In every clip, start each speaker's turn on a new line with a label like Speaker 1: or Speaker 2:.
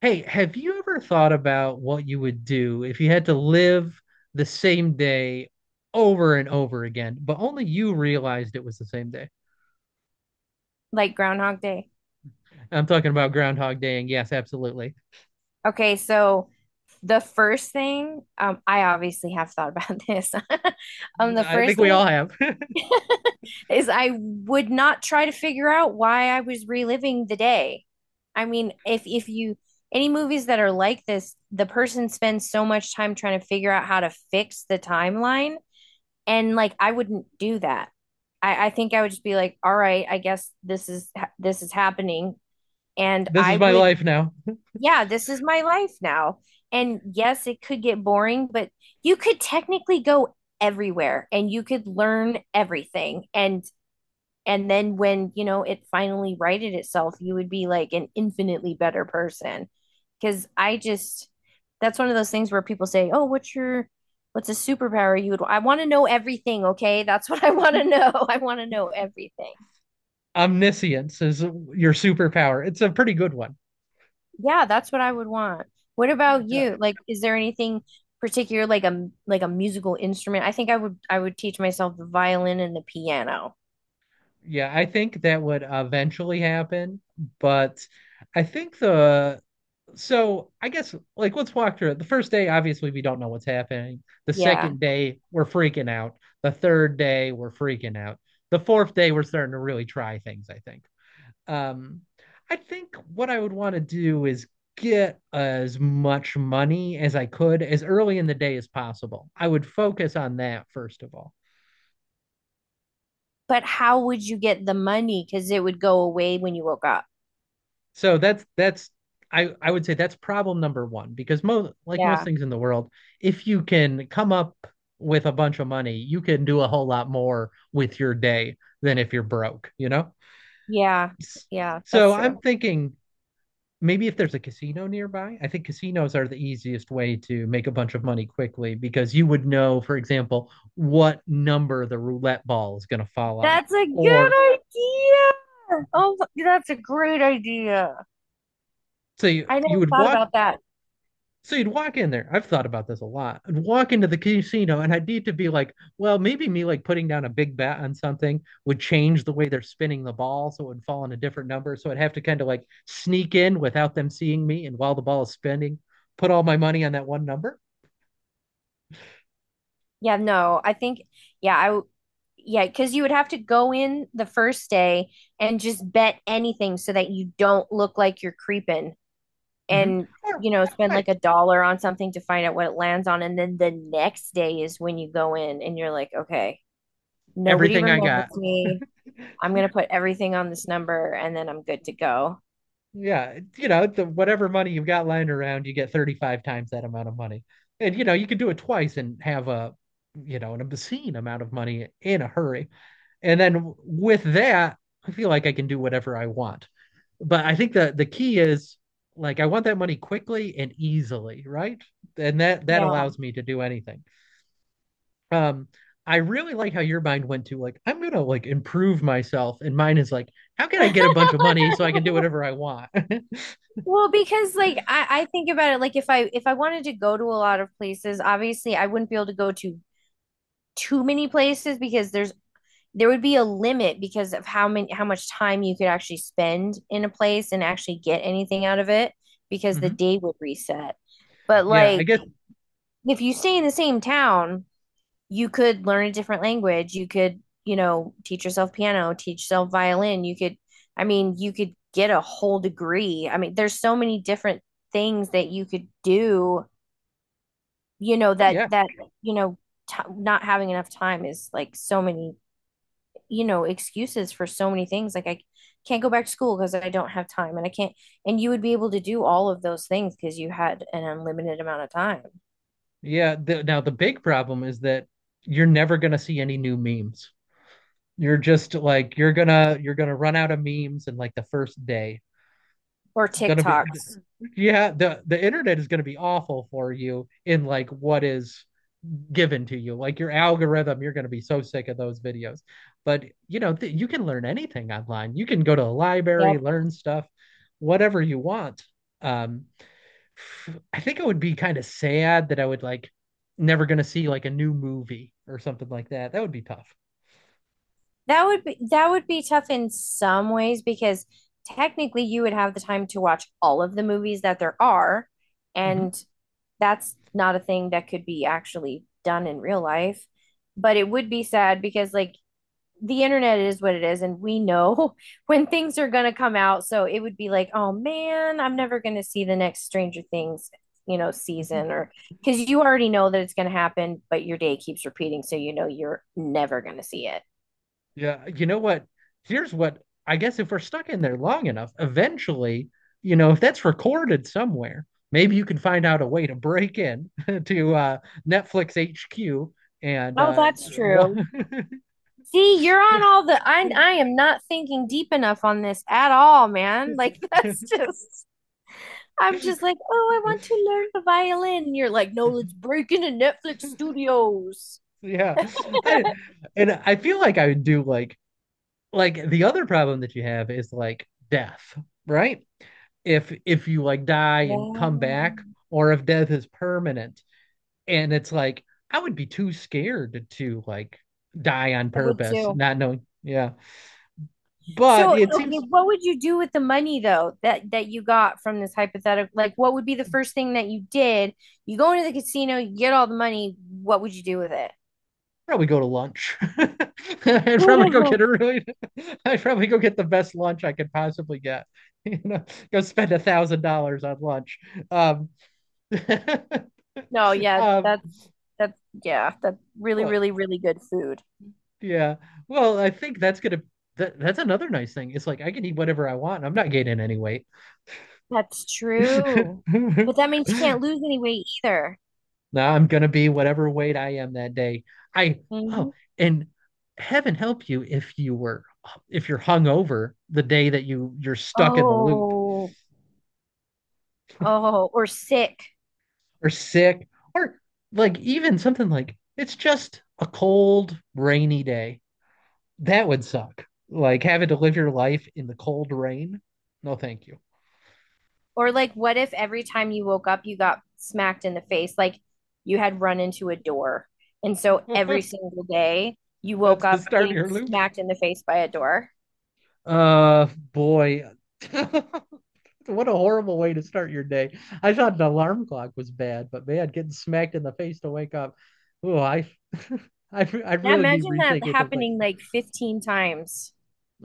Speaker 1: Hey, have you ever thought about what you would do if you had to live the same day over and over again, but only you realized it was the same day?
Speaker 2: Like Groundhog Day.
Speaker 1: I'm talking about Groundhog Day, and yes, absolutely.
Speaker 2: Okay, so the first thing, I obviously have thought about this. The
Speaker 1: I
Speaker 2: first
Speaker 1: think we
Speaker 2: thing
Speaker 1: all have.
Speaker 2: is I would not try to figure out why I was reliving the day. I mean, if you any movies that are like this, the person spends so much time trying to figure out how to fix the timeline, and like I wouldn't do that. I think I would just be like, all right, I guess this is happening. And
Speaker 1: This
Speaker 2: I
Speaker 1: is my
Speaker 2: would
Speaker 1: life now.
Speaker 2: Yeah, this is my life now. And yes, it could get boring, but you could technically go everywhere and you could learn everything. And then when it finally righted itself, you would be like an infinitely better person. Because I just, that's one of those things where people say, "Oh, what's a superpower you would I want to know everything, okay? That's what I want to know. I want to know everything."
Speaker 1: Omniscience is your superpower. It's a pretty good one.
Speaker 2: Yeah, that's what I would want. What about
Speaker 1: Yeah,
Speaker 2: you? Like, is there anything particular, like a musical instrument? I think I would teach myself the violin and the piano.
Speaker 1: yeah, I think that would eventually happen, but I think the so I guess like let's walk through it. The first day, obviously, we don't know what's happening. The
Speaker 2: Yeah.
Speaker 1: second day, we're freaking out. The third day, we're freaking out. The fourth day, we're starting to really try things. I think. Um, I think what I would want to do is get as much money as I could as early in the day as possible. I would focus on that first of all.
Speaker 2: But how would you get the money? Because it would go away when you woke up.
Speaker 1: So that's I would say that's problem number one because most
Speaker 2: Yeah.
Speaker 1: things in the world, if you can come up with a bunch of money, you can do a whole lot more with your day than if you're broke, you know?
Speaker 2: Yeah, yeah, that's
Speaker 1: So I'm
Speaker 2: true.
Speaker 1: thinking maybe if there's a casino nearby, I think casinos are the easiest way to make a bunch of money quickly because you would know, for example, what number the roulette ball is going to fall on.
Speaker 2: That's a
Speaker 1: Or
Speaker 2: good idea. Oh, that's a great idea.
Speaker 1: so you,
Speaker 2: I never
Speaker 1: you would
Speaker 2: thought
Speaker 1: walk
Speaker 2: about that.
Speaker 1: so you'd walk in there. I've thought about this a lot. I'd walk into the casino and I'd need to be like, well, maybe me like putting down a big bet on something would change the way they're spinning the ball so it would fall on a different number. So I'd have to kind of like sneak in without them seeing me and while the ball is spinning, put all my money on that one number.
Speaker 2: Yeah, no, I think, yeah, yeah, because you would have to go in the first day and just bet anything so that you don't look like you're creeping
Speaker 1: Hmm.
Speaker 2: and
Speaker 1: Or
Speaker 2: spend like
Speaker 1: right,
Speaker 2: a dollar on something to find out what it lands on. And then the next day is when you go in and you're like, okay, nobody
Speaker 1: everything I got.
Speaker 2: remembers me. I'm going to put everything on this number and then I'm good to go.
Speaker 1: Yeah, you know, the whatever money you've got lying around, you get 35 times that amount of money. And you know, you could do it twice and have an obscene amount of money in a hurry. And then with that, I feel like I can do whatever I want. But I think the key is like I want that money quickly and easily, right? And that
Speaker 2: Yeah.
Speaker 1: allows me to do anything. Um, I really like how your mind went to like I'm gonna like improve myself, and mine is like how can I get a bunch of money so I can do whatever I want?
Speaker 2: Well, because like I think about it, like if I wanted to go to a lot of places, obviously I wouldn't be able to go to too many places because there would be a limit because of how much time you could actually spend in a place and actually get anything out of it because the
Speaker 1: Hmm.
Speaker 2: day would reset. But
Speaker 1: Yeah, I
Speaker 2: like
Speaker 1: guess.
Speaker 2: if you stay in the same town, you could learn a different language. You could teach yourself piano, teach yourself violin. You could I mean, you could get a whole degree. I mean, there's so many different things that you could do, you know,
Speaker 1: Oh
Speaker 2: that
Speaker 1: yeah,
Speaker 2: that, you know, t- not having enough time is like so many excuses for so many things. Like, I can't go back to school because I don't have time, and I can't. And you would be able to do all of those things because you had an unlimited amount of time.
Speaker 1: yeah. Now the big problem is that you're never gonna see any new memes. You're just like you're gonna run out of memes in like the first day.
Speaker 2: Or
Speaker 1: It's gonna be
Speaker 2: TikToks.
Speaker 1: Yeah. The internet is gonna be awful for you in like what is given to you like your algorithm. You're going to be so sick of those videos, but you know, you can learn anything online, you can go to a
Speaker 2: Yep.
Speaker 1: library, learn stuff, whatever you want. um I think it would be kind of sad that I would like never going to see like a new movie or something like that. That would be tough.
Speaker 2: That would be tough in some ways because technically you would have the time to watch all of the movies that there are,
Speaker 1: Hmm.
Speaker 2: and that's not a thing that could be actually done in real life. But it would be sad because, like, the internet is what it is, and we know when things are gonna come out. So it would be like, oh man, I'm never gonna see the next Stranger Things season, or, because you already know that it's gonna happen, but your day keeps repeating, so you know you're never gonna see it.
Speaker 1: Yeah, you know what? Here's what. I guess if we're stuck in there long enough, eventually, you know, if that's recorded somewhere, maybe you can find out a way to break in to Netflix HQ and
Speaker 2: Oh, that's
Speaker 1: wa-
Speaker 2: true. See, you're on all the. I am not thinking deep enough on this at all, man. Like that's just. I'm just like, oh, I want to learn the violin. And you're like, no, let's break into Netflix studios.
Speaker 1: yeah, I I feel like I would do like the other problem that you have is like death, right? If you like die and come
Speaker 2: Yeah.
Speaker 1: back, or if death is permanent, and it's like I would be too scared to like die on
Speaker 2: I would
Speaker 1: purpose,
Speaker 2: too.
Speaker 1: not knowing. Yeah,
Speaker 2: So,
Speaker 1: but it
Speaker 2: okay,
Speaker 1: seems.
Speaker 2: what would you do with the money though that you got from this hypothetical? Like, what would be the first thing that you did? You go into the casino, you get all the money. What would you do with it?
Speaker 1: Probably go to lunch. I'd probably go get a really. I'd probably go get the best lunch I could possibly get. You know, go spend $1,000 on lunch. Um,
Speaker 2: No, yeah,
Speaker 1: um,
Speaker 2: that's yeah, that's really,
Speaker 1: well,
Speaker 2: really, really good food.
Speaker 1: yeah. Well, I think that's gonna. That's another nice thing. It's like I can eat whatever I want. I'm not gaining any weight.
Speaker 2: That's true. But that means you can't lose any weight either.
Speaker 1: Now I'm gonna be whatever weight I am that day. I
Speaker 2: Mhm.
Speaker 1: oh, and heaven help you if you were. If you're hungover the day that you're stuck in the loop,
Speaker 2: Oh, oh, or sick.
Speaker 1: or sick, or like even something like it's just a cold rainy day. That would suck. Like having to live your life in the cold rain. No, thank you.
Speaker 2: Or like, what if every time you woke up, you got smacked in the face? Like you had run into a door. And so every single day you woke
Speaker 1: That's the
Speaker 2: up
Speaker 1: start
Speaker 2: getting
Speaker 1: of your loop.
Speaker 2: smacked in the face by a door.
Speaker 1: Uh Boy. What a horrible way to start your day. I thought the alarm clock was bad, but man, getting smacked in the face to wake up. Oh, I'd
Speaker 2: Now
Speaker 1: really be
Speaker 2: imagine that
Speaker 1: rethinking of things.
Speaker 2: happening like 15 times.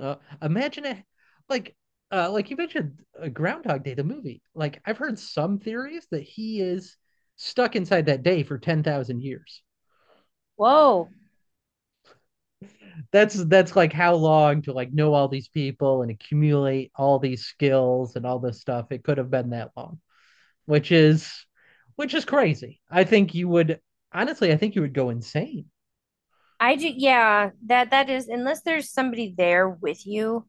Speaker 1: uh, imagine it, like, like you mentioned, Groundhog Day, the movie. Like I've heard some theories that he is stuck inside that day for 10,000 years.
Speaker 2: Whoa.
Speaker 1: That's like how long to like know all these people and accumulate all these skills and all this stuff. It could have been that long. which is which is crazy. I think you would. Honestly, I think you would go insane.
Speaker 2: I do, yeah, that is, unless there's somebody there with you,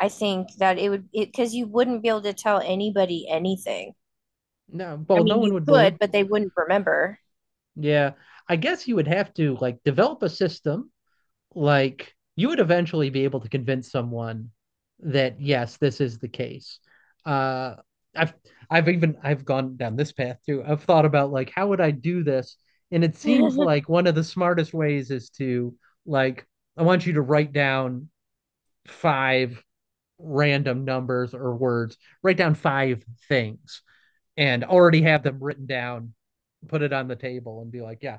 Speaker 2: I think that it would, it, because you wouldn't be able to tell anybody anything.
Speaker 1: No,
Speaker 2: I
Speaker 1: well, no
Speaker 2: mean,
Speaker 1: one
Speaker 2: you
Speaker 1: would believe.
Speaker 2: could, but they wouldn't remember.
Speaker 1: Yeah, I guess you would have to like develop a system. Like you would eventually be able to convince someone that yes, this is the case. Uh, I've I've gone down this path too. I've thought about like how would I do this, and it seems like one of the smartest ways is to like. I want you to write down 5 random numbers or words, write down 5 things and already have them written down, put it on the table and be like, yeah,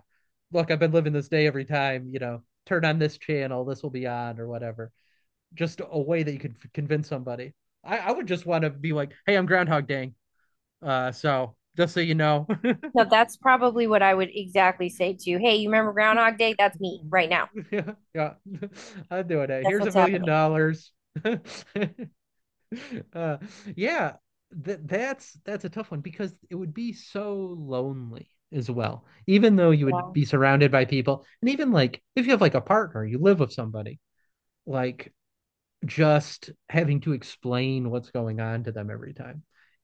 Speaker 1: look, I've been living this day every time, you know, turn on this channel, this will be on or whatever. Just a way that you could convince somebody. I would just want to be like, hey, I'm Groundhog Dang. So just so you know,
Speaker 2: No, that's probably what I would exactly say too. Hey, you remember Groundhog Day? That's me right now.
Speaker 1: yeah, yeah, I'm doing it.
Speaker 2: That's
Speaker 1: Here's a
Speaker 2: what's
Speaker 1: million
Speaker 2: happening.
Speaker 1: dollars. Uh, yeah, that's a tough one because it would be so lonely as well. Even though you would
Speaker 2: Yeah.
Speaker 1: be surrounded by people, and even like if you have like a partner, you live with somebody, like just having to explain what's going on to them every time,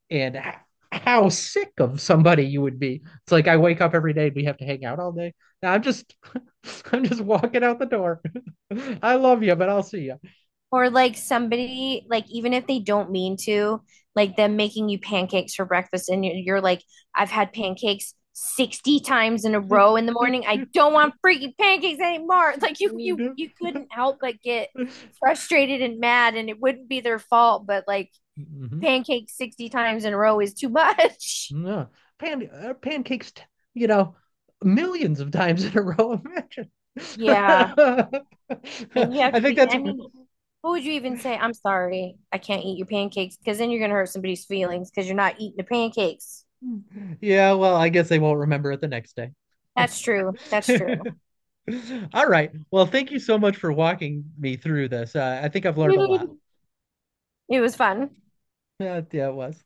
Speaker 1: and how sick of somebody you would be. It's like I wake up every day and we have to hang out all day. Now I'm just I'm just walking out the door. I love you, but I'll see you.
Speaker 2: Or like somebody, like even if they don't mean to, like them making you pancakes for breakfast and you're like, I've had pancakes 60 times in a row in the morning. I don't want freaking pancakes anymore. Like you couldn't help but get frustrated and mad and it wouldn't be their fault, but like
Speaker 1: Hmm.
Speaker 2: pancakes 60 times in a row is too much.
Speaker 1: No. Pancakes, you know, millions of times in a row. Imagine.
Speaker 2: Yeah.
Speaker 1: I
Speaker 2: And you have to
Speaker 1: think
Speaker 2: be,
Speaker 1: that's
Speaker 2: I mean, what would you even say? I'm sorry, I can't eat your pancakes because then you're going to hurt somebody's feelings because you're not eating the pancakes.
Speaker 1: Yeah, well, I guess they won't remember it the next day.
Speaker 2: That's true. That's true.
Speaker 1: All right. Well, thank you so much for walking me through this. I think I've learned a lot.
Speaker 2: It was fun.
Speaker 1: Yeah, it was.